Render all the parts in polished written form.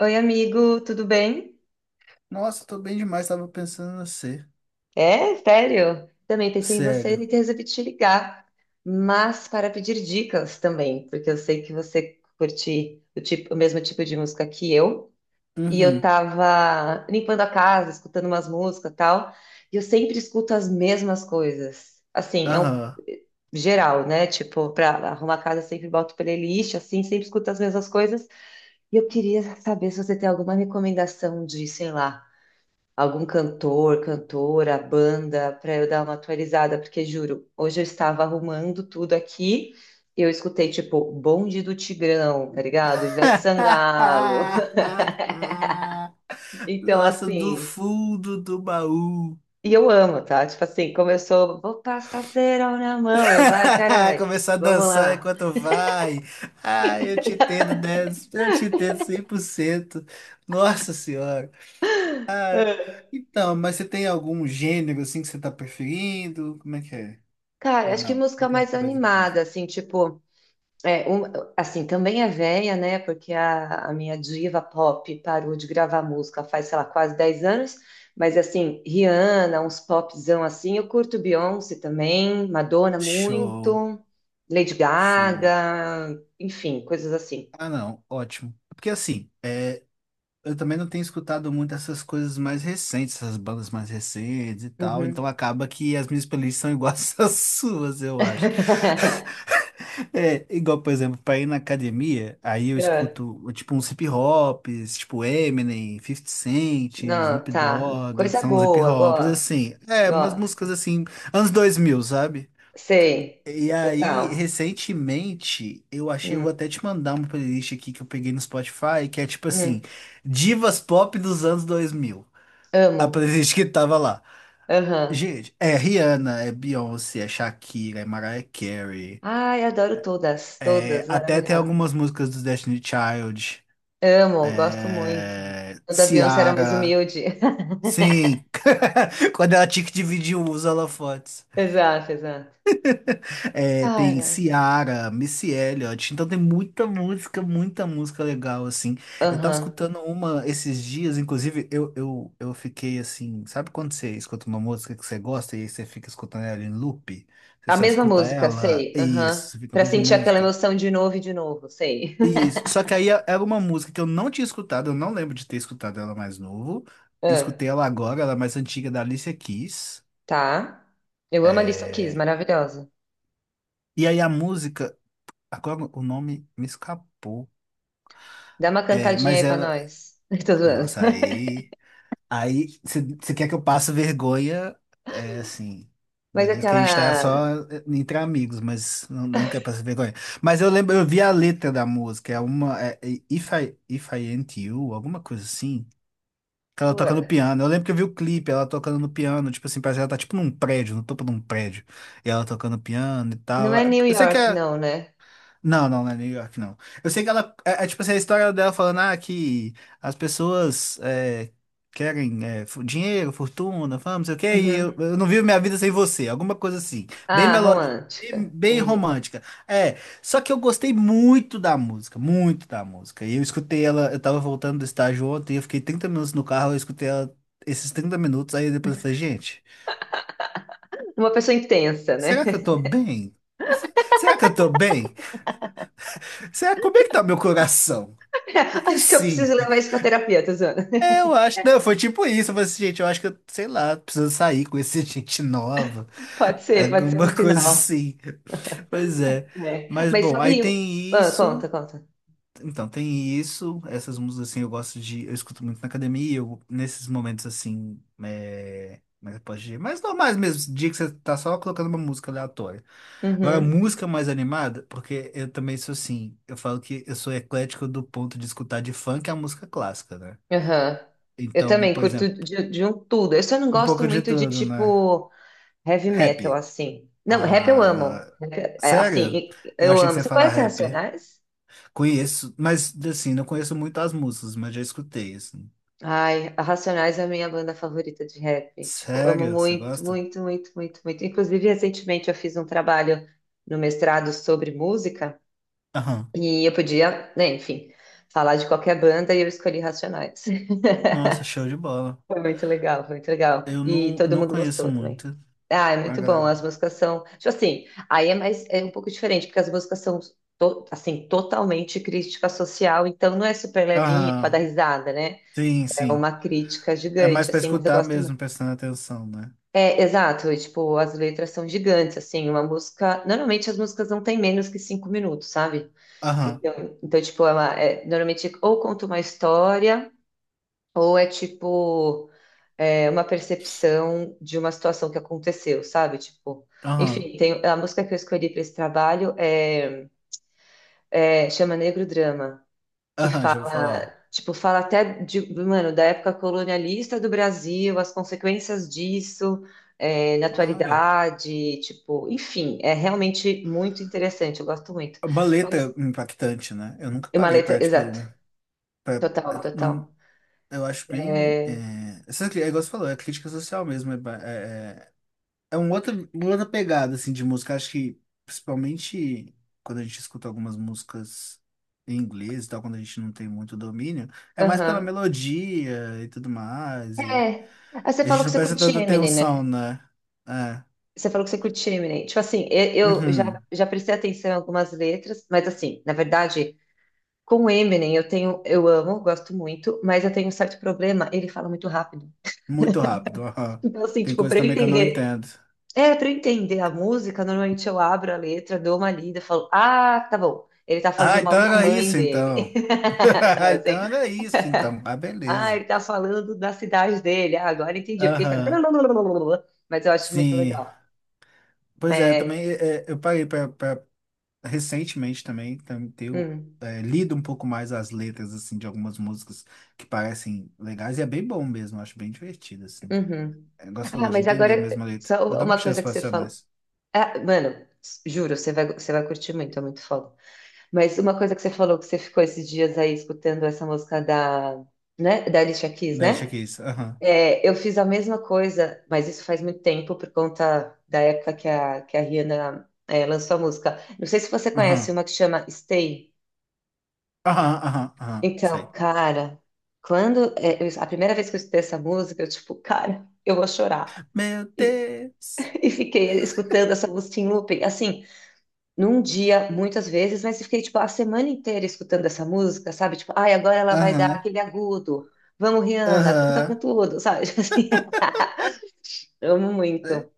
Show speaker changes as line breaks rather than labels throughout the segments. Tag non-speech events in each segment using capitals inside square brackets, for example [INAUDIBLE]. Oi, amigo, tudo bem?
Nossa, tô bem demais, tava pensando em você.
É, sério? Também pensei em você
Cego.
e resolvi te ligar, mas para pedir dicas também, porque eu sei que você curte o mesmo tipo de música que eu, e eu
Uhum.
tava limpando a casa, escutando umas músicas e tal, e eu sempre escuto as mesmas coisas. Assim, é um
Aham.
eh, geral, né? Tipo, para arrumar a casa, eu sempre boto playlist, assim, sempre escuto as mesmas coisas, e eu queria saber se você tem alguma recomendação de, sei lá. Algum cantor, cantora, banda, para eu dar uma atualizada, porque juro, hoje eu estava arrumando tudo aqui, eu escutei tipo Bonde do Tigrão, tá ligado? Ivete Sangalo. [LAUGHS]
[LAUGHS]
Então
Nossa, do
assim,
fundo do baú.
e eu amo, tá? Tipo assim, começou, vou passar cerol na mão, eu vai,
[LAUGHS]
caralho.
Começar a
Vamos
dançar
lá.
enquanto vai. Ah, eu te entendo 10, eu te entendo 100%. Nossa senhora. Ah,
[LAUGHS]
então, mas você tem algum gênero assim que você tá preferindo? Como é que é?
Cara,
Ou
acho que
não?
música
Qualquer
mais
coisa mesmo.
animada, assim, tipo É, um- assim, também é velha, né? Porque a minha diva pop parou de gravar música faz, sei lá, quase 10 anos. Mas, assim, Rihanna, uns popzão assim. Eu curto Beyoncé também, Madonna
Show,
muito, Lady
show.
Gaga, enfim, coisas assim.
Ah, não, ótimo. Porque assim, eu também não tenho escutado muito essas coisas mais recentes, essas bandas mais recentes e tal, então
Uhum.
acaba que as minhas playlists são iguais [LAUGHS] às suas, eu acho.
[LAUGHS]
É, igual, por exemplo, pra ir na academia, aí eu
É.
escuto tipo uns hip hops, tipo Eminem, Fifty Cent,
Não,
Snoop
tá.
Dogg, que
Coisa
são uns hip
boa,
hops,
gosto.
assim, umas
Gosto.
músicas assim, anos 2000, sabe?
Sei.
E aí,
Total.
recentemente, eu achei, eu
Hum,
vou até te mandar uma playlist aqui que eu peguei no Spotify, que é tipo assim,
hum.
divas pop dos anos 2000. A
Amo.
playlist que tava lá.
Aham.
Gente, é Rihanna, é Beyoncé, é Shakira, é Mariah Carey.
Ai, adoro todas, todas,
Até tem
maravilhosas.
algumas músicas dos Destiny Child.
Amo, gosto muito.
É,
O da Beyoncé era mais
Ciara.
humilde. [LAUGHS]
Sim. [LAUGHS] Quando ela tinha que dividir o uso, ela.
Exato, exato.
É, tem
Cara,
Ciara, Missy Elliott, então tem muita música legal, assim. Eu tava
aham.
escutando uma esses dias, inclusive, eu fiquei assim, sabe quando você escuta uma música que você gosta e aí você fica escutando ela em loop? Você
A
só
mesma
escuta
música,
ela,
sei,
isso,
aham.
você fica a
Pra
mesma
sentir aquela
música.
emoção de novo e de novo, sei. [LAUGHS]
Isso, só que aí era uma música que eu não tinha escutado, eu não lembro de ter escutado ela mais novo.
Ah,
Escutei ela agora, ela é mais antiga da Alicia Keys.
tá. Eu amo a Alicia Keys,
É,
maravilhosa.
e aí a música, agora o nome me escapou.
Dá uma
É,
cantadinha
mas
aí pra
ela.
nós. [LAUGHS] Tô zoando.
Nossa, aí. Aí você quer que eu passe vergonha? É assim.
Mas
Beleza, que a gente tá só
aquela...
entre amigos, mas não, não quer passar vergonha. Mas eu lembro, eu vi a letra da música, é uma. É If I Ain't You, alguma coisa assim. Que ela
pô,
toca no piano. Eu lembro que eu vi o clipe, ela tocando no piano, tipo assim, parece que ela tá tipo num prédio, no topo de um prédio. E ela tocando piano e
não
tal.
é New
Eu sei que
York,
é.
não, né?
Não, não, não é New York, não. Eu sei que ela. É tipo assim, a história dela falando ah, que as pessoas querem dinheiro, fortuna, fama, não sei o quê, e eu,
Uhum.
eu não vivo minha vida sem você. Alguma coisa assim. Bem
Ah,
melódica,
romântica,
bem
entendi.
romântica. É, só que eu gostei muito da música, muito da música. E eu escutei ela, eu tava voltando do estágio ontem, eu fiquei 30 minutos no carro, eu escutei ela esses 30 minutos, aí depois eu falei, gente,
Uma pessoa intensa, né?
será que eu tô bem? Será que eu tô bem? Será, como é que tá meu coração?
[LAUGHS]
Porque
Acho que eu
sim.
preciso levar isso para terapia, Tuzana. [LAUGHS]
É, eu acho. Não, foi tipo isso. Eu falei assim, gente, eu acho que eu, sei lá, preciso sair, conhecer [LAUGHS] gente nova.
Pode ser um
Alguma coisa
sinal.
assim. Pois é.
É.
Mas
Mas
bom, aí
sabe.
tem
Ah,
isso.
conta, conta.
Então, tem isso. Essas músicas assim eu gosto de. Eu escuto muito na academia. Eu, nesses momentos assim. Mas pode dizer, mas normais mesmo, dia que você tá só colocando uma música aleatória. Agora,
Uhum.
música mais animada, porque eu também sou assim, eu falo que eu sou eclético do ponto de escutar de funk a música clássica, né?
Aham. Eu
Então,
também
por
curto
exemplo,
de um tudo. Eu só não
um
gosto
pouco de
muito de
tudo, né?
tipo heavy metal,
Rap.
assim. Não, rap eu
Ah,
amo.
não.
Rap, é,
Sério?
assim,
Eu
eu
achei que
amo.
você ia
Você
falar
conhece
rap.
Racionais?
Conheço, mas assim, não conheço muito as músicas, mas já escutei, assim.
Ai, a Racionais é a minha banda favorita de rap. Tipo, amo
Sério? Você
muito,
gosta?
muito, muito, muito, muito. Inclusive, recentemente eu fiz um trabalho no mestrado sobre música.
Aham.
E eu podia, né, enfim, falar de qualquer banda e eu escolhi Racionais. [LAUGHS]
Nossa, show de bola.
Foi muito legal, foi muito legal.
Eu
E
não,
todo
não
mundo
conheço
gostou também.
muito
Ah, é
a
muito bom.
galera.
As músicas são, tipo assim, aí é mais é um pouco diferente, porque as músicas são assim, totalmente crítica social, então não é super levinha para dar
Aham.
risada, né?
Sim,
É
sim.
uma crítica
É mais
gigante,
pra
assim, mas eu
escutar
gosto
mesmo, prestando atenção, né?
é, exato, e, tipo, as letras são gigantes, assim, uma música, normalmente as músicas não têm menos que 5 minutos, sabe?
Aham.
Então, então tipo, ela é, normalmente ou conta uma história, ou é, tipo, é, uma percepção de uma situação que aconteceu, sabe? Tipo,
Aham.
enfim, tem, a música que eu escolhi para esse trabalho é, é, chama Negro Drama, que
Aham, já ouvi
fala,
falar.
tipo, fala até de, mano, da época colonialista do Brasil, as consequências disso, é, na
Olha.
atualidade, tipo, enfim, é realmente muito interessante, eu gosto muito.
Uma letra
Mas
impactante, né? Eu nunca
é uma
parei pra,
letra,
tipo,
exato,
pra,
total,
não,
total.
eu acho bem.
É,
É, essa, é igual você falou, é crítica social mesmo. É, é um outro, uma outra pegada assim, de música. Acho que, principalmente quando a gente escuta algumas músicas em inglês e tal, quando a gente não tem muito domínio, é mais pela
aham.
melodia e tudo mais. E
É. Ah, você
a
falou
gente
que
não
você
presta
curte
tanta
Eminem,
atenção,
né?
né? É.
Você falou que você curte Eminem. Tipo assim, eu já,
Uhum.
já prestei atenção em algumas letras, mas assim, na verdade, com o Eminem, eu tenho, eu amo, gosto muito, mas eu tenho um certo problema, ele fala muito rápido.
Muito rápido. [LAUGHS] Aham.
Então, assim,
Tem
tipo,
coisa
pra eu
também que eu não
entender,
entendo.
é, pra eu entender a música, normalmente eu abro a letra, dou uma lida, falo, ah, tá bom, ele tá
Ah,
falando
então
mal da
era
mãe
isso
dele,
então.
[LAUGHS]
[LAUGHS]
sabe
Ah,
assim?
então era isso então. Ah,
Ah, ele
beleza.
tá falando da cidade dele, ah, agora entendi, porque ele fala,
Aham.
[LAUGHS] mas eu acho muito
Sim.
legal.
Pois é,
É,
também eu parei recentemente também, ter
hum,
lido um pouco mais as letras assim de algumas músicas que parecem legais e é bem bom mesmo, eu acho bem divertido assim.
uhum.
É, igual você falou
Ah,
de
mas agora,
entender mesmo a letra. Vou
só
dar uma
uma
chance
coisa que
para
você falou.
Racionais.
Ah, mano, juro, você vai curtir muito, é muito foda. Mas uma coisa que você falou que você ficou esses dias aí escutando essa música da, né, da Alicia Keys,
Deixa que
né?
isso. Aham.
É, eu fiz a mesma coisa, mas isso faz muito tempo por conta da época que a Rihanna, é, lançou a música. Não sei se você conhece
Aham.
uma que chama Stay.
Aham, aham, aham.
Então,
Sei.
cara, quando é, a primeira vez que eu escutei essa música, eu tipo, cara, eu vou chorar.
Meu
E,
Deus.
[LAUGHS] e fiquei escutando essa música em looping. Assim, num dia, muitas vezes, mas eu fiquei, tipo, a semana inteira escutando essa música, sabe? Tipo, ai, agora ela vai dar
Aham.
aquele agudo. Vamos, Rihanna, canta com
Aham.
tudo, sabe? [LAUGHS] Assim, amo
É,
muito.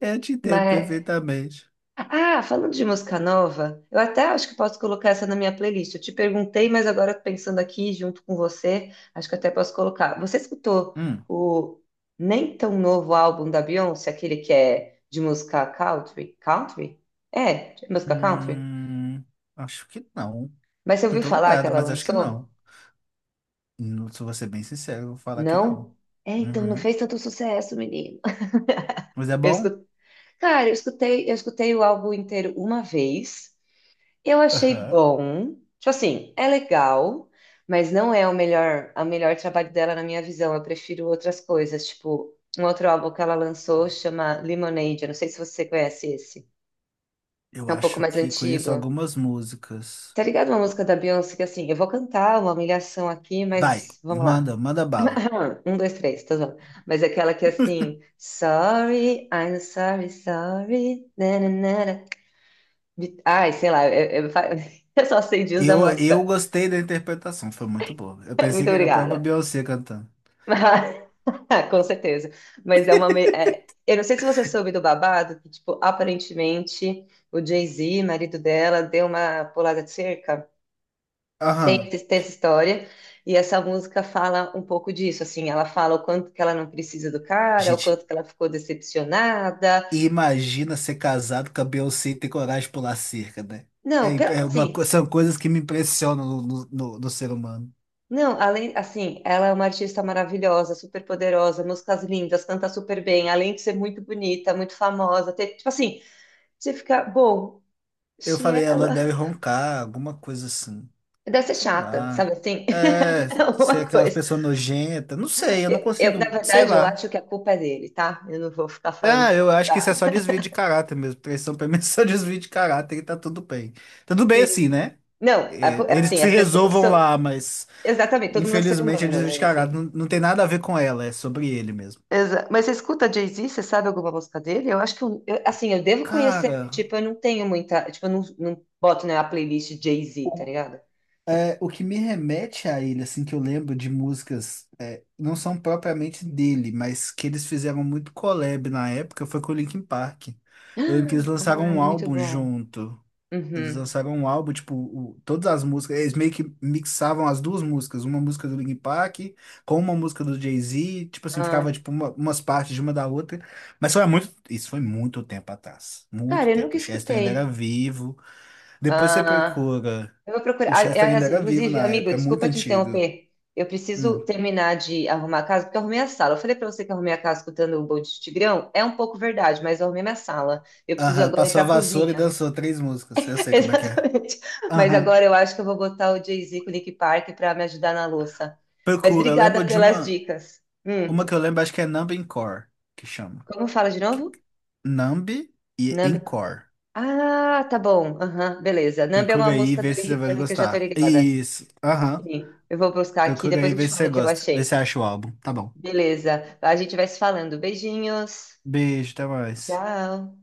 eu te entendo
Mas,
perfeitamente.
ah, falando de música nova, eu até acho que posso colocar essa na minha playlist. Eu te perguntei, mas agora pensando aqui junto com você, acho que até posso colocar. Você escutou
Hum.
o nem tão novo álbum da Beyoncé, aquele que é de música country? Country? É, de música country?
Hum. Acho que não.
Mas você
Não
ouviu
tô
falar que
lembrado,
ela
mas acho que não.
lançou?
Não, se eu vou ser bem sincero, eu vou falar que não.
Não? É, então não
Uhum.
fez tanto sucesso, menino.
Mas é
Eu
bom?
escu- Cara, eu escutei o álbum inteiro uma vez. Eu achei
Aham.
bom. Tipo assim, é legal, mas não é o melhor trabalho dela na minha visão. Eu prefiro outras coisas, tipo, um outro álbum que ela lançou chama Lemonade. Eu não sei se você conhece esse.
Eu
É um pouco
acho
mais
que
antigo.
conheço algumas músicas.
Tá ligado uma música da Beyoncé que assim, eu vou cantar uma humilhação aqui,
Vai,
mas vamos lá.
manda, manda bala.
Ah, um, dois, três, tá bom. Mas aquela que é assim, sorry, I'm sorry, sorry, nananara. Ai, sei lá, eu, [LAUGHS] eu só sei disso da
Eu
música.
gostei da interpretação, foi muito boa. Eu
[LAUGHS]
pensei
Muito
que era a própria
obrigada.
Beyoncé cantando.
Mas- [LAUGHS] Com certeza. Mas é uma. Eu não sei se você soube do babado, que, tipo, aparentemente o Jay-Z, marido dela, deu uma pulada de cerca. Tem,
Aham.
tem essa história. E essa música fala um pouco disso, assim, ela fala o quanto que ela não precisa do cara, o quanto
Gente,
que ela ficou decepcionada.
imagina ser casado com a Beyoncé e ter coragem de pular cerca, né?
Não,
É, é uma,
assim,
são coisas que me impressionam no ser humano.
não, além, assim, ela é uma artista maravilhosa, super poderosa, músicas lindas, canta super bem, além de ser muito bonita, muito famosa, tipo assim, você fica, bom,
Eu
se
falei, ela deve
ela
roncar, alguma coisa assim.
deve ser
Sei
chata, sabe
lá.
assim?
É,
[LAUGHS]
ser
Alguma
aquelas
coisa.
pessoas nojentas. Não sei, eu não
Eu, na
consigo, sei
verdade, eu
lá.
acho que a culpa é dele, tá? Eu não vou ficar falando
Ah,
que ela
eu
é
acho que isso é só
chata.
desvio de caráter mesmo. Traição pra mim é só [LAUGHS] desvio de caráter e tá tudo bem. Tá Tudo bem assim,
Sim.
né?
Não,
É, eles que
assim,
se
as pessoas
resolvam
são.
lá, mas
Exatamente, todo mundo é ser
infelizmente é
humano,
desvio
né?
de caráter.
Enfim.
Não, não tem nada a ver com ela, é sobre ele mesmo.
Mas você escuta Jay-Z, você sabe alguma música dele? Eu acho que, eu, assim, eu devo conhecer, mas,
Cara.
tipo, eu não tenho muita. Tipo, eu não, não boto na playlist Jay-Z, tá ligado?
É, o que me remete a ele, assim, que eu lembro de músicas, não são propriamente dele, mas que eles fizeram muito collab na época, foi com o Linkin Park. Eu lembro que eles
[GASPS]
lançaram
Ai,
um
muito
álbum
bom.
junto. Eles
Uhum.
lançaram um álbum, tipo, todas as músicas, eles meio que mixavam as duas músicas, uma música do Linkin Park com uma música do Jay-Z, tipo assim, ficava
Ah,
tipo umas partes de uma da outra. Mas foi há muito, isso foi muito tempo atrás,
cara,
muito
eu nunca
tempo. O Chester ainda era
escutei.
vivo. Depois você
Ah.
procura.
Eu vou procurar.
O Chester ainda
Aliás,
era vivo
inclusive,
na
amigo,
época, é muito
desculpa te
antigo.
interromper. Eu preciso
Hum.
terminar de arrumar a casa, porque eu arrumei a sala. Eu falei pra você que eu arrumei a casa escutando o Bom de Tigrão. É um pouco verdade, mas eu arrumei minha sala. Eu preciso
Aham,
agora ir
passou a
pra
vassoura e
cozinha.
dançou três músicas. Eu
[LAUGHS]
sei como é que é.
Exatamente. Mas
Aham.
agora eu acho que eu vou botar o Jay-Z com o Nick Park pra me ajudar na louça. Mas
Procura, eu
obrigada
lembro de
pelas
uma.
dicas.
Uma que eu lembro, acho que é Numb Encore, que chama.
Como fala de
Que-
novo?
Numb e
Nambi.
Encore.
Ah, tá bom. Aham, beleza. Nambi é uma
Procura aí e
música do
vê se
Nick
você vai
Park que eu já tô
gostar.
ligada.
Isso. Aham.
Sim, eu vou buscar aqui,
Procura aí
depois
e
eu
vê
te
se
falo
você
o que eu
gosta. Vê se
achei.
acha o álbum. Tá bom.
Beleza. A gente vai se falando. Beijinhos.
Beijo, até mais.
Tchau.